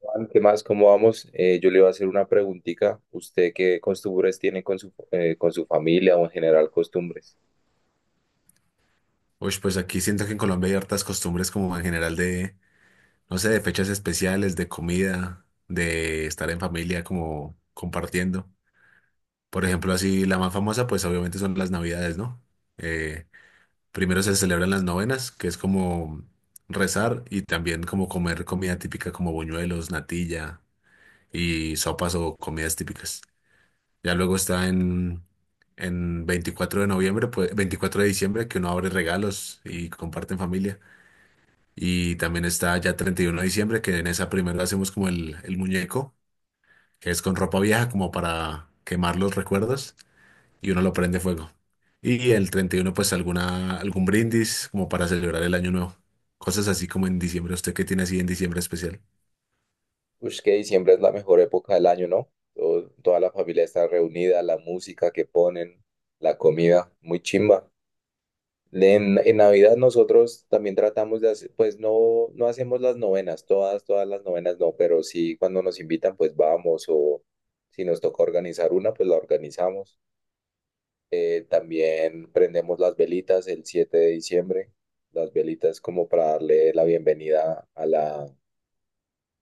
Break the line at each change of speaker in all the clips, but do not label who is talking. Juan, ¿qué más? ¿Cómo vamos? Yo le iba a hacer una preguntita. ¿Usted qué costumbres tiene con su familia o en general costumbres?
Uy, pues aquí siento que en Colombia hay hartas costumbres como en general de, no sé, de fechas especiales, de comida, de estar en familia como compartiendo. Por ejemplo, así la más famosa, pues obviamente son las Navidades, ¿no? Eh, Primero se celebran las novenas, que es como rezar y también como comer comida típica como buñuelos, natilla y sopas o comidas típicas. Ya luego está en 24 de noviembre, pues 24 de diciembre, que uno abre regalos y comparte en familia. Y también está ya 31 de diciembre, que en esa primera hacemos como el muñeco, que es con ropa vieja como para quemar los recuerdos y uno lo prende fuego. Y el 31 pues algún brindis como para celebrar el año nuevo. Cosas así como en diciembre. ¿Usted qué tiene así en diciembre especial?
Pues que diciembre es la mejor época del año, ¿no? Toda la familia está reunida, la música que ponen, la comida, muy chimba. En Navidad nosotros también tratamos de hacer, pues no, no hacemos las novenas, todas las novenas no, pero sí cuando nos invitan, pues vamos o si nos toca organizar una, pues la organizamos. También prendemos las velitas el 7 de diciembre, las velitas como para darle la bienvenida a la,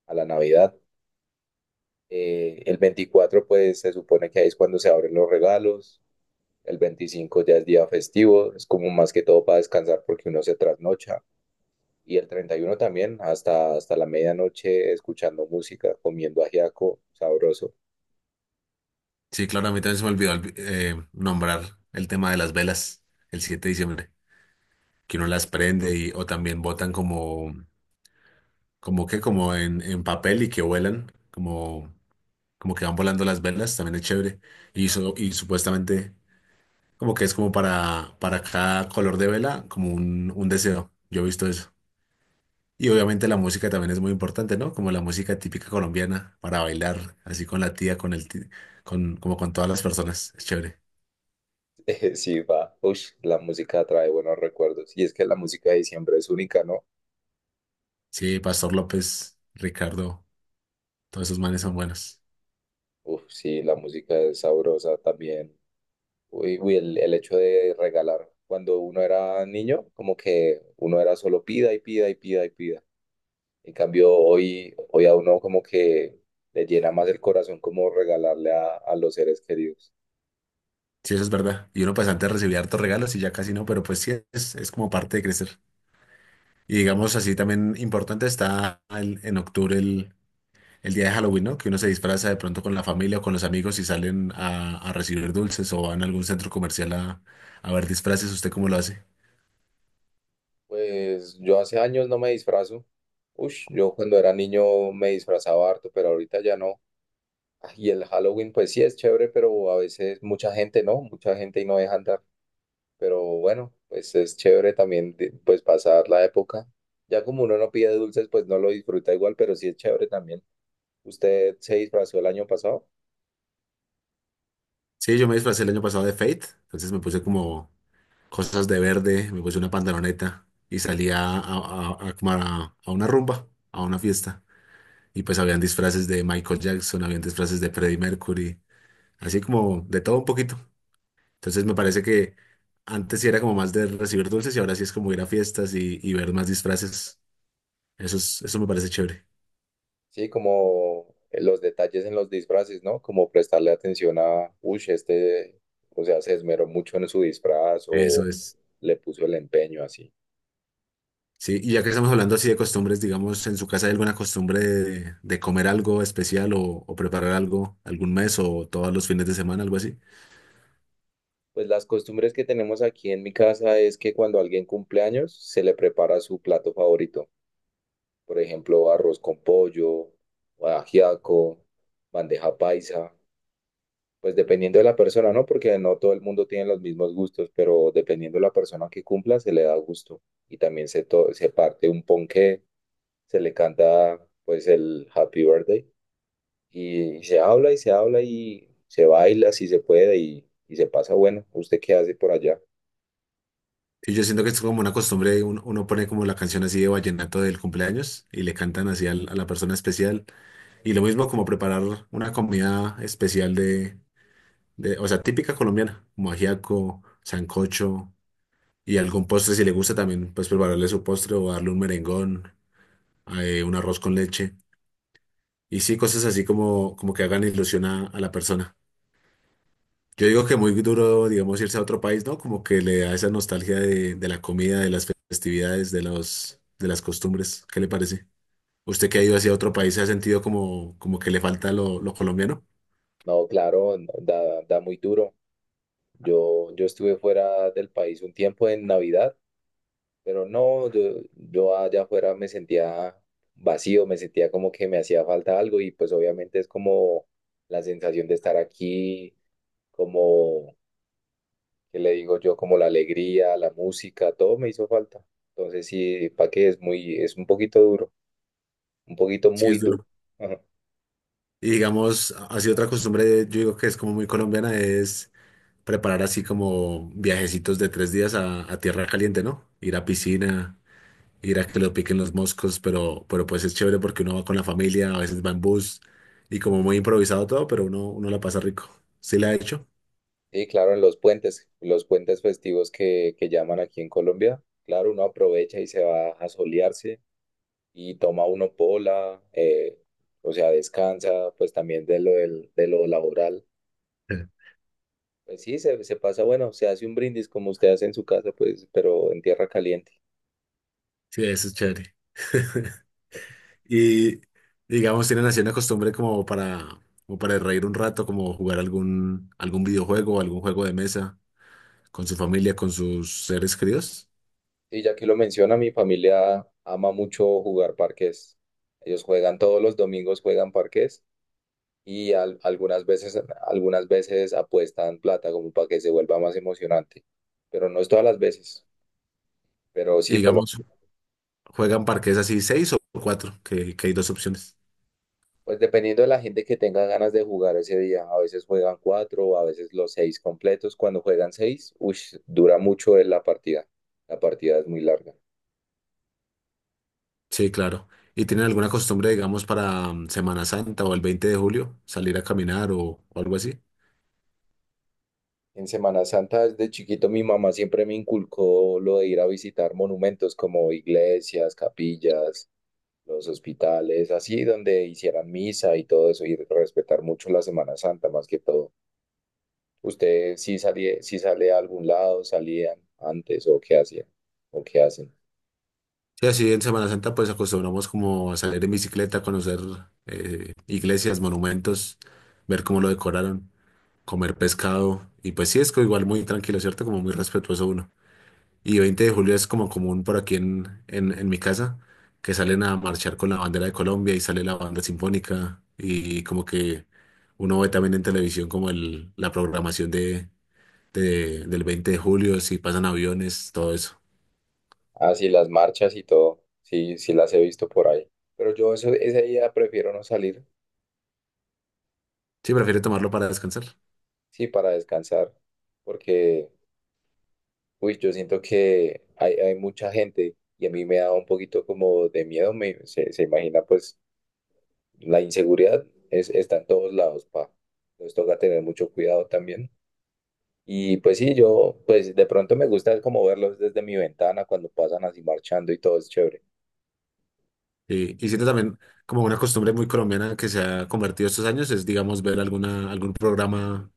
a la Navidad. El 24 pues se supone que ahí es cuando se abren los regalos, el 25 ya es día festivo, es como más que todo para descansar porque uno se trasnocha. Y el 31 también, hasta la medianoche, escuchando música, comiendo ajiaco, sabroso.
Sí, claro, a mí también se me olvidó nombrar el tema de las velas el 7 de diciembre, que uno las prende y, o también botan como, como que, como en papel y que vuelan, como que van volando las velas, también es chévere. Y supuestamente como que es como para, cada color de vela, como un deseo. Yo he visto eso. Y obviamente la música también es muy importante, ¿no? Como la música típica colombiana para bailar, así con la tía, con el ti- con, como con todas las personas. Es chévere.
Sí, va. Ush, la música trae buenos recuerdos. Y es que la música de diciembre es única, ¿no?
Sí, Pastor López, Ricardo, todos esos manes son buenos.
Uf, sí, la música es sabrosa también. Uy, uy, el hecho de regalar cuando uno era niño, como que uno era solo pida y pida y pida y pida. En cambio, hoy a uno como que le llena más el corazón como regalarle a los seres queridos.
Sí, eso es verdad. Y uno pues antes recibía hartos regalos y ya casi no, pero pues sí, es como parte de crecer. Y digamos así también importante está en octubre el, día de Halloween, ¿no? Que uno se disfraza de pronto con la familia o con los amigos y salen a, recibir dulces o van a algún centro comercial a ver disfraces. ¿Usted cómo lo hace?
Pues yo hace años no me disfrazo. Ush, yo cuando era niño me disfrazaba harto, pero ahorita ya no. Ah, y el Halloween, pues sí es chévere, pero a veces mucha gente no, mucha gente y no dejan de. Pero bueno, pues es chévere también pues pasar la época. Ya como uno no pide dulces, pues no lo disfruta igual, pero sí es chévere también. ¿Usted se disfrazó el año pasado?
Sí, yo me disfracé el año pasado de Fate, entonces me puse como cosas de verde, me puse una pantaloneta y salí a una rumba, a una fiesta. Y pues habían disfraces de Michael Jackson, habían disfraces de Freddie Mercury, así como de todo un poquito. Entonces me parece que antes sí era como más de recibir dulces y ahora sí es como ir a fiestas y ver más disfraces. Eso es, eso me parece chévere.
Sí, como los detalles en los disfraces, ¿no? Como prestarle atención a, uy, este, o sea, se esmeró mucho en su disfraz
Eso
o
es.
le puso el empeño así.
Sí, y ya que estamos hablando así de costumbres, digamos, ¿en su casa hay alguna costumbre de, comer algo especial o preparar algo algún mes o todos los fines de semana, algo así?
Pues las costumbres que tenemos aquí en mi casa es que cuando alguien cumple años, se le prepara su plato favorito. Por ejemplo, arroz con pollo, ajiaco, bandeja paisa, pues dependiendo de la persona, ¿no? Porque no todo el mundo tiene los mismos gustos, pero dependiendo de la persona que cumpla, se le da gusto. Y también se parte un ponqué, se le canta pues el Happy Birthday y se habla y se habla y se baila si se puede y se pasa bueno. ¿Usted qué hace por allá?
Y yo siento que es como una costumbre, uno pone como la canción así de vallenato del cumpleaños y le cantan así a la persona especial. Y lo mismo como preparar una comida especial de, o sea, típica colombiana, como ajiaco, sancocho y algún postre si le gusta también, pues prepararle su postre o darle un merengón. Un arroz con leche. Y sí, cosas así como que hagan ilusión a la persona. Yo digo que muy duro, digamos, irse a otro país, ¿no? Como que le da esa nostalgia de la comida, de las festividades, de las costumbres. ¿Qué le parece? ¿Usted que ha ido hacia otro país se ha sentido como que le falta lo, colombiano?
No, claro, no, da muy duro. Yo estuve fuera del país un tiempo en Navidad. Pero no, yo allá afuera me sentía vacío, me sentía como que me hacía falta algo y pues obviamente es como la sensación de estar aquí, como, ¿qué le digo yo? Como la alegría, la música, todo me hizo falta. Entonces sí, para qué es un poquito duro, un poquito
Sí,
muy
es
duro.
duro.
Ajá.
Y digamos, así otra costumbre, yo digo que es como muy colombiana, es preparar así como viajecitos de 3 días a tierra caliente, ¿no? Ir a piscina ir a que lo piquen los moscos, pero pues es chévere porque uno va con la familia, a veces va en bus y como muy improvisado todo, pero uno la pasa rico. ¿Sí la ha hecho?
Sí, claro, en los puentes festivos que llaman aquí en Colombia, claro, uno aprovecha y se va a solearse y toma uno pola, o sea, descansa, pues también de lo laboral.
Sí.
Pues sí, se pasa, bueno, se hace un brindis como usted hace en su casa, pues, pero en tierra caliente.
Sí, eso es chévere. Y digamos, tienen así una costumbre como para reír un rato, como jugar algún, videojuego, algún juego de mesa con su familia, con sus seres queridos.
Y ya que lo menciona, mi familia ama mucho jugar parques. Ellos juegan todos los domingos, juegan parques y algunas veces apuestan plata como para que se vuelva más emocionante. Pero no es todas las veces, pero
Y
sí, por lo.
digamos, juegan parques así 6 o 4, que hay dos opciones.
Pues dependiendo de la gente que tenga ganas de jugar ese día, a veces juegan cuatro, a veces los seis completos. Cuando juegan seis, ush, dura mucho en la partida. La partida es muy larga.
Sí, claro. ¿Y tienen alguna costumbre, digamos, para Semana Santa o el 20 de julio, salir a caminar o algo así?
En Semana Santa, desde chiquito, mi mamá siempre me inculcó lo de ir a visitar monumentos como iglesias, capillas, los hospitales, así donde hicieran misa y todo eso, y respetar mucho la Semana Santa más que todo. ¿Usted sí salía, sí sale a algún lado, salían antes o qué hacían o qué hacen?
Sí, así en Semana Santa pues acostumbramos como a salir en bicicleta, conocer iglesias, monumentos, ver cómo lo decoraron, comer pescado y pues sí, es que igual muy tranquilo, ¿cierto? Como muy respetuoso uno. Y 20 de julio es como común por aquí en, en mi casa, que salen a marchar con la bandera de Colombia y sale la banda sinfónica y como que uno ve también en televisión como la programación del 20 de julio, si pasan aviones, todo eso.
Ah, sí, las marchas y todo. Sí, sí las he visto por ahí. Pero yo eso, ese día prefiero no salir,
Sí, prefiero tomarlo para descansar.
sí, para descansar, porque, uy, yo siento que hay mucha gente y a mí me da un poquito como de miedo, se imagina pues la inseguridad está en todos lados, pa. Entonces toca tener mucho cuidado también. Y pues sí, yo, pues de pronto me gusta como verlos desde mi ventana cuando pasan así marchando y todo es chévere.
Y siento también como una costumbre muy colombiana que se ha convertido estos años es, digamos, ver algún programa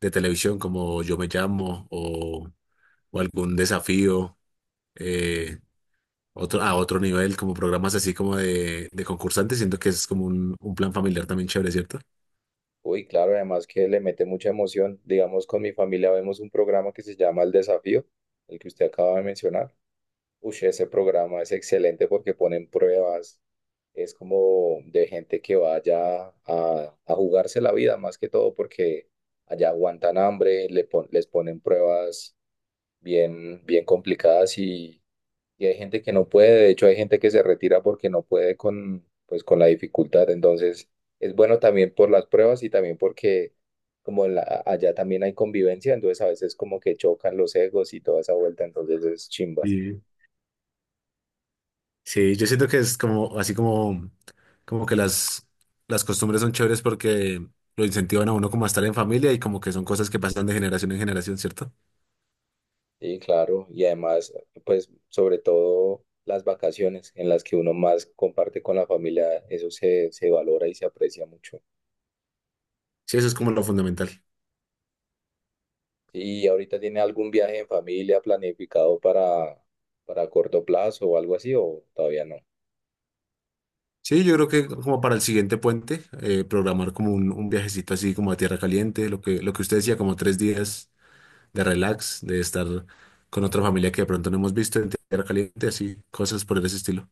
de televisión como Yo me llamo o algún desafío. eh, a otro nivel, como programas así como de, concursantes, siento que es como un plan familiar también chévere, ¿cierto?
Uy, claro, además que le mete mucha emoción. Digamos, con mi familia vemos un programa que se llama El Desafío, el que usted acaba de mencionar. Uy, ese programa es excelente porque ponen pruebas, es como de gente que vaya a jugarse la vida más que todo porque allá aguantan hambre, les ponen pruebas bien, bien complicadas y hay gente que no puede, de hecho hay gente que se retira porque no puede con, pues, con la dificultad. Entonces, es bueno también por las pruebas y también porque allá también hay convivencia, entonces a veces como que chocan los egos y toda esa vuelta, entonces es chimba.
Y sí, yo siento que es como así como que las costumbres son chéveres porque lo incentivan a uno como a estar en familia y como que son cosas que pasan de generación en generación, ¿cierto?
Sí, claro, y además, pues sobre todo las vacaciones en las que uno más comparte con la familia, eso se valora y se aprecia mucho.
Sí, eso es como lo fundamental.
¿Y ahorita tiene algún viaje en familia planificado para, corto plazo o algo así o todavía no?
Sí, yo creo que como para el siguiente puente, programar como un, viajecito así como a Tierra Caliente, lo que usted decía, como 3 días de relax, de estar con otra familia que de pronto no hemos visto en tierra caliente, así, cosas por ese estilo.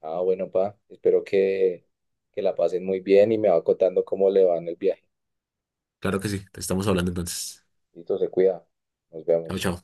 Ah, bueno, pa, espero que la pasen muy bien y me va contando cómo le va en el viaje.
Claro que sí, te estamos hablando entonces.
Listo, se cuida. Nos
Chao,
vemos.
chao.